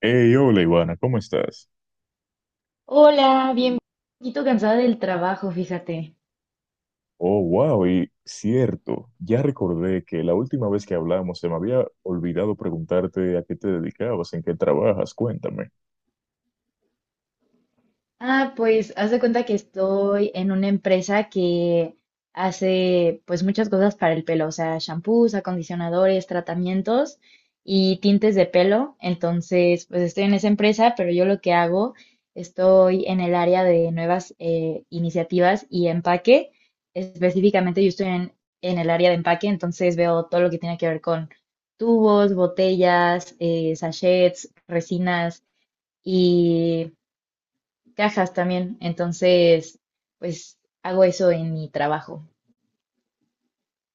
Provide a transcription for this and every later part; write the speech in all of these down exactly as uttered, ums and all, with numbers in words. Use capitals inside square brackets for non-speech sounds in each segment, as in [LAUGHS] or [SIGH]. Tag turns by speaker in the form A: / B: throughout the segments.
A: Hey, hola Ivana, ¿cómo estás?
B: Hola, bien, un poquito cansada del trabajo, fíjate.
A: Oh, wow, y cierto, ya recordé que la última vez que hablamos se me había olvidado preguntarte a qué te dedicabas, en qué trabajas, cuéntame.
B: Ah, pues haz de cuenta que estoy en una empresa que hace pues muchas cosas para el pelo, o sea, shampoos, acondicionadores, tratamientos y tintes de pelo. Entonces, pues estoy en esa empresa, pero yo lo que hago, estoy en el área de nuevas eh, iniciativas y empaque. Específicamente yo estoy en, en el área de empaque, entonces veo todo lo que tiene que ver con tubos, botellas, eh, sachets, resinas cajas también. Entonces, pues hago eso en mi trabajo.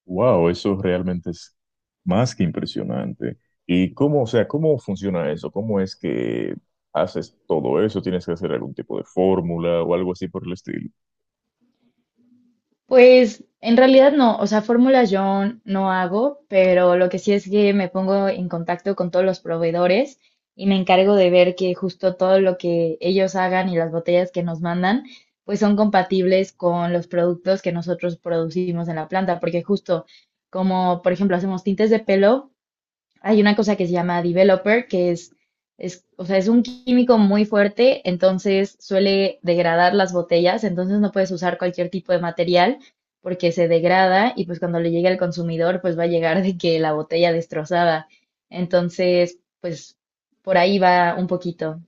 A: Wow, eso realmente es más que impresionante. ¿Y cómo, o sea, cómo funciona eso? ¿Cómo es que haces todo eso? ¿Tienes que hacer algún tipo de fórmula o algo así por el estilo?
B: Pues en realidad no, o sea, fórmulas yo no hago, pero lo que sí es que me pongo en contacto con todos los proveedores y me encargo de ver que justo todo lo que ellos hagan y las botellas que nos mandan, pues son compatibles con los productos que nosotros producimos en la planta, porque justo como, por ejemplo, hacemos tintes de pelo, hay una cosa que se llama developer, que es, es, o sea, es un químico muy fuerte, entonces suele degradar las botellas, entonces no puedes usar cualquier tipo de material porque se degrada y pues cuando le llegue al consumidor pues va a llegar de que la botella destrozada. Entonces, pues por ahí va un poquito.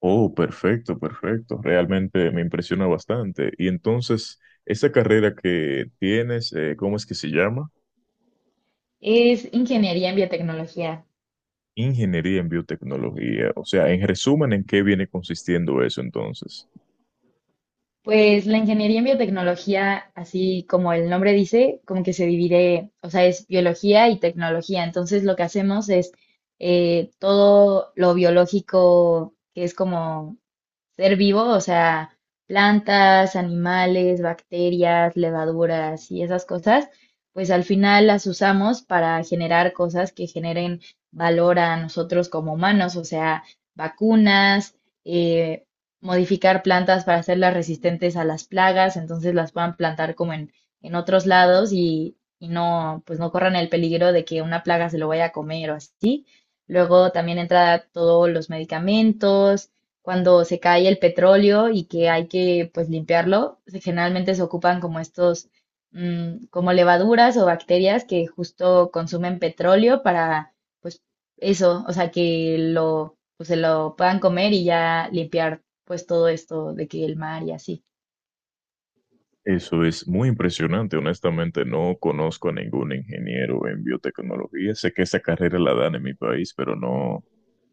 A: Oh, perfecto, perfecto. Realmente me impresiona bastante. Y entonces, esa carrera que tienes, eh, ¿cómo es que se llama?
B: Es ingeniería en biotecnología.
A: Ingeniería en biotecnología. O sea, en resumen, ¿en qué viene consistiendo eso entonces?
B: Pues la ingeniería en biotecnología, así como el nombre dice, como que se divide, o sea, es biología y tecnología. Entonces lo que hacemos es eh, todo lo biológico, que es como ser vivo, o sea, plantas, animales, bacterias, levaduras y esas cosas, pues al final las usamos para generar cosas que generen valor a nosotros como humanos, o sea, vacunas, eh, modificar plantas para hacerlas resistentes a las plagas, entonces las puedan plantar como en, en otros lados y, y no, pues no corran el peligro de que una plaga se lo vaya a comer o así. Luego también entra todos los medicamentos, cuando se cae el petróleo y que hay que pues limpiarlo, se- generalmente se ocupan como estos, mm, como levaduras o bacterias que justo consumen petróleo para pues eso, o sea que lo, pues, se lo puedan comer y ya limpiar pues todo esto de que el mar y así.
A: Eso es muy impresionante. Honestamente, no conozco a ningún ingeniero en biotecnología. Sé que esa carrera la dan en mi país, pero no,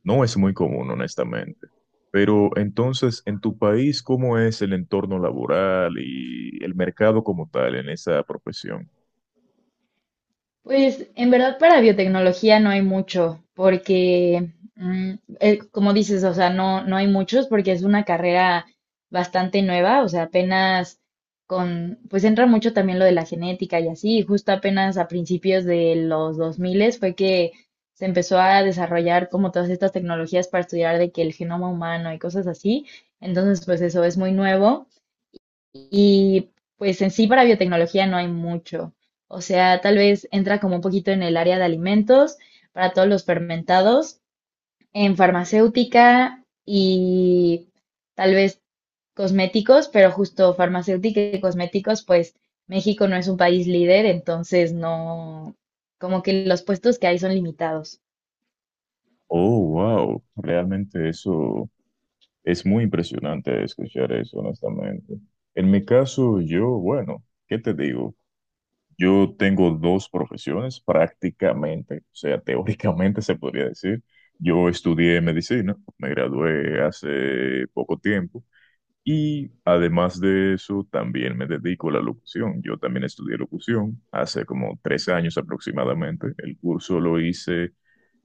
A: no es muy común, honestamente. Pero entonces, en tu país, ¿cómo es el entorno laboral y el mercado como tal en esa profesión?
B: Pues en verdad para biotecnología no hay mucho, porque mm, eh, como dices, o sea, no, no hay muchos porque es una carrera bastante nueva, o sea, apenas con, pues entra mucho también lo de la genética y así, y justo apenas a principios de los dos mil fue que se empezó a desarrollar como todas estas tecnologías para estudiar de que el genoma humano y cosas así, entonces pues eso es muy nuevo. Y pues en sí para biotecnología no hay mucho. O sea, tal vez entra como un poquito en el área de alimentos para todos los fermentados, en farmacéutica y tal vez cosméticos, pero justo farmacéutica y cosméticos, pues México no es un país líder, entonces no, como que los puestos que hay son limitados.
A: Oh, wow, realmente eso es muy impresionante escuchar eso, honestamente. En mi caso, yo, bueno, ¿qué te digo? Yo tengo dos profesiones prácticamente, o sea, [LAUGHS] teóricamente se podría decir. Yo estudié medicina, me gradué hace poco tiempo y además de eso también me dedico a la locución. Yo también estudié locución hace como tres años aproximadamente. El curso lo hice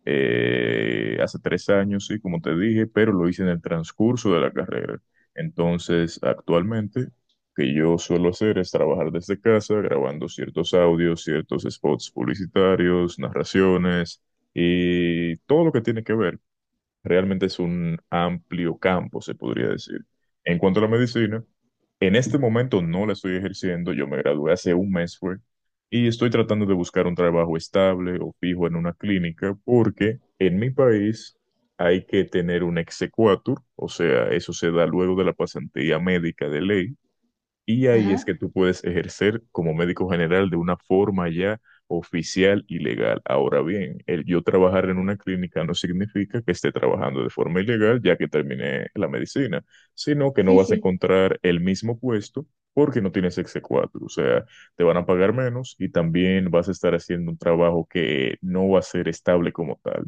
A: eh, hace tres años, sí, como te dije, pero lo hice en el transcurso de la carrera. Entonces, actualmente, que yo suelo hacer es trabajar desde casa, grabando ciertos audios, ciertos spots publicitarios, narraciones y todo lo que tiene que ver. Realmente es un amplio campo, se podría decir. En cuanto a la medicina, en este momento no la estoy ejerciendo, yo me gradué hace un mes fue, y estoy tratando de buscar un trabajo estable o fijo en una clínica porque en mi país hay que tener un exequatur, o sea, eso se da luego de la pasantía médica de ley, y ahí es
B: Ajá,
A: que tú puedes ejercer como médico general de una forma ya oficial y legal. Ahora bien, el yo trabajar en una clínica no significa que esté trabajando de forma ilegal ya que terminé la medicina, sino que no
B: sí,
A: vas a
B: sí.
A: encontrar el mismo puesto porque no tienes exequatur. O sea, te van a pagar menos y también vas a estar haciendo un trabajo que no va a ser estable como tal.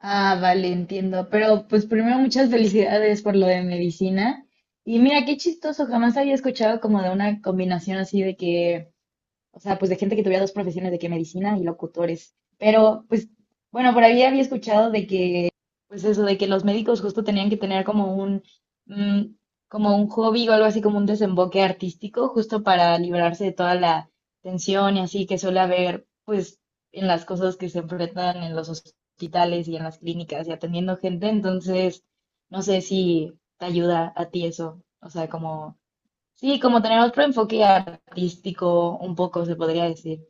B: Ah, vale, entiendo. Pero pues primero muchas felicidades por lo de medicina. Y mira, qué chistoso, jamás había escuchado como de una combinación así de que o sea, pues de gente que tuviera dos profesiones, de que medicina y locutores. Pero, pues, bueno, por ahí había escuchado de que, pues eso, de que los médicos justo tenían que tener como un, mm, como un hobby o algo así, como un desemboque artístico, justo para librarse de toda la tensión y así que suele haber, pues, en las cosas que se enfrentan en los hospitales y en las clínicas y atendiendo gente. Entonces, no sé si te ayuda a ti eso, o sea, como sí, como tener otro enfoque artístico, un poco se podría decir.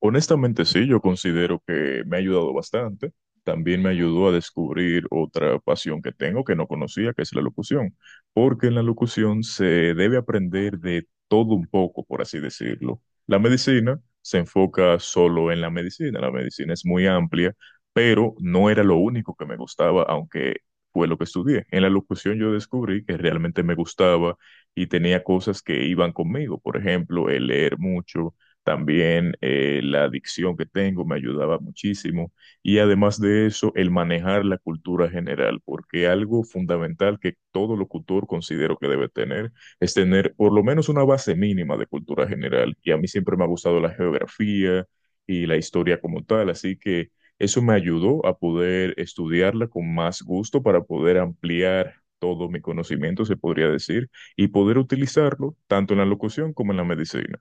A: Honestamente sí, yo considero que me ha ayudado bastante. También me ayudó a descubrir otra pasión que tengo que no conocía, que es la locución, porque en la locución se debe aprender de todo un poco, por así decirlo. La medicina se enfoca solo en la medicina, la medicina es muy amplia, pero no era lo único que me gustaba, aunque fue lo que estudié. En la locución yo descubrí que realmente me gustaba y tenía cosas que iban conmigo, por ejemplo, el leer mucho también eh, la adicción que tengo me ayudaba muchísimo. Y además de eso, el manejar la cultura general, porque algo fundamental que todo locutor considero que debe tener es tener por lo menos una base mínima de cultura general. Y a mí siempre me ha gustado la geografía y la historia como tal, así que eso me ayudó a poder estudiarla con más gusto para poder ampliar todo mi conocimiento, se podría decir, y poder utilizarlo tanto en la locución como en la medicina.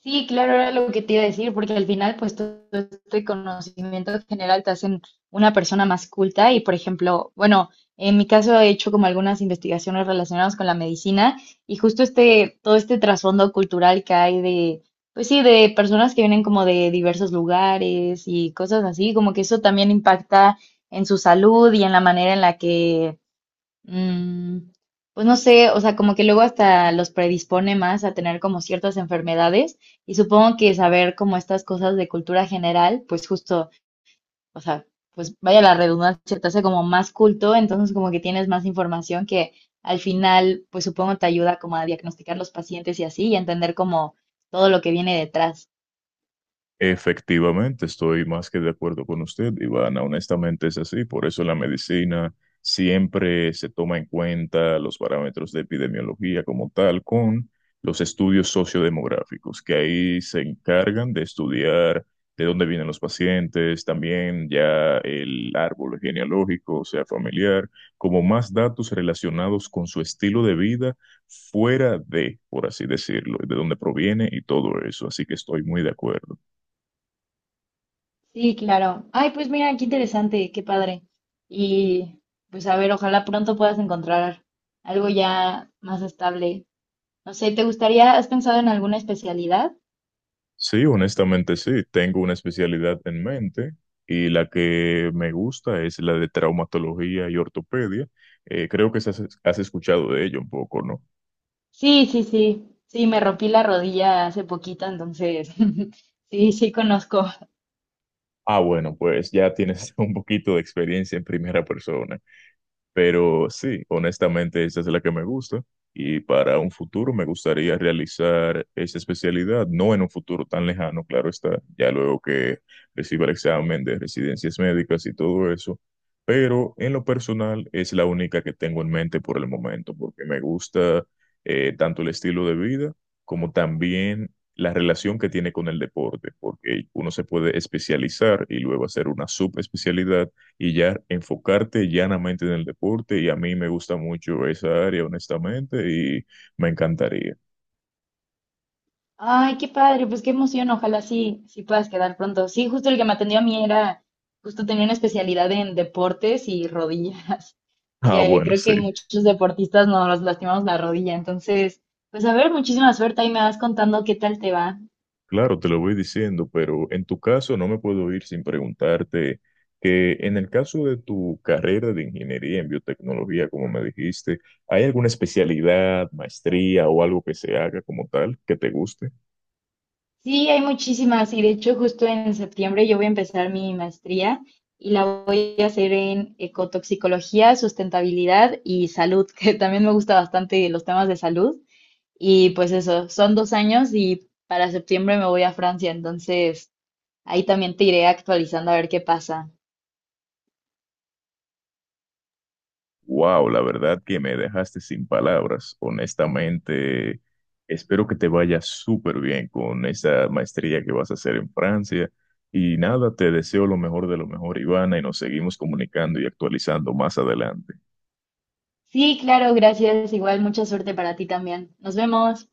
B: Sí, claro, era lo que te iba a decir, porque al final, pues todo este conocimiento general te hacen una persona más culta y, por ejemplo, bueno, en mi caso he hecho como algunas investigaciones relacionadas con la medicina y justo este, todo este trasfondo cultural que hay de, pues sí, de personas que vienen como de diversos lugares y cosas así, como que eso también impacta en su salud y en la manera en la que Mm, pues no sé, o sea, como que luego hasta los predispone más a tener como ciertas enfermedades y supongo que saber como estas cosas de cultura general, pues justo, o sea, pues vaya la redundancia, te hace como más culto, entonces como que tienes más información que al final, pues supongo te ayuda como a diagnosticar los pacientes y así y a entender como todo lo que viene detrás.
A: Efectivamente, estoy más que de acuerdo con usted, Ivana. Honestamente es así. Por eso la medicina siempre se toma en cuenta los parámetros de epidemiología como tal con los estudios sociodemográficos, que ahí se encargan de estudiar de dónde vienen los pacientes, también ya el árbol genealógico, o sea, familiar, como más datos relacionados con su estilo de vida fuera de, por así decirlo, de dónde proviene y todo eso. Así que estoy muy de acuerdo.
B: Sí, claro. Ay, pues mira, qué interesante, qué padre. Y pues a ver, ojalá pronto puedas encontrar algo ya más estable. No sé, ¿te gustaría, has pensado en alguna especialidad?
A: Sí, honestamente sí. Tengo una especialidad en mente y la que me gusta es la de traumatología y ortopedia. Eh, creo que has, has escuchado de ello un poco, ¿no?
B: Sí, sí, sí. Sí, me rompí la rodilla hace poquito, entonces [LAUGHS] sí, sí conozco.
A: Ah, bueno, pues ya tienes [LAUGHS] un poquito de experiencia en primera persona. Pero sí, honestamente esa es la que me gusta y para un futuro me gustaría realizar esa especialidad, no en un futuro tan lejano, claro está, ya luego que reciba el examen de residencias médicas y todo eso, pero en lo personal es la única que tengo en mente por el momento, porque me gusta eh, tanto el estilo de vida como también la relación que tiene con el deporte, porque uno se puede especializar y luego hacer una subespecialidad y ya enfocarte llanamente en el deporte y a mí me gusta mucho esa área, honestamente, y me encantaría. [LAUGHS]
B: Ay, qué padre, pues qué emoción, ojalá sí, sí puedas quedar pronto. Sí, justo el que me atendió a mí era, justo tenía una especialidad en deportes y rodillas, [LAUGHS]
A: Ah,
B: porque
A: bueno,
B: creo
A: sí,
B: que muchos deportistas nos lastimamos la rodilla, entonces, pues a ver, muchísima suerte, ahí me vas contando qué tal te va.
A: claro, te lo voy diciendo, pero en tu caso no me puedo ir sin preguntarte que en el caso de tu carrera de ingeniería en biotecnología, como me dijiste, ¿hay alguna especialidad, maestría o algo que se haga como tal que te guste?
B: Sí, hay muchísimas y de hecho justo en septiembre yo voy a empezar mi maestría y la voy a hacer en ecotoxicología, sustentabilidad y salud, [LAUGHS] que también me gusta bastante los temas de salud. Y pues eso, son dos años y para septiembre me voy a Francia, entonces ahí también te iré actualizando a ver qué pasa.
A: Wow, la verdad que me dejaste sin palabras. Honestamente, espero que te vaya súper bien con esa maestría que vas a hacer en Francia. Y nada, te deseo lo mejor de lo mejor, Ivana, y nos seguimos comunicando y actualizando más adelante.
B: Sí, claro, gracias. Igual mucha suerte para ti también. Nos vemos.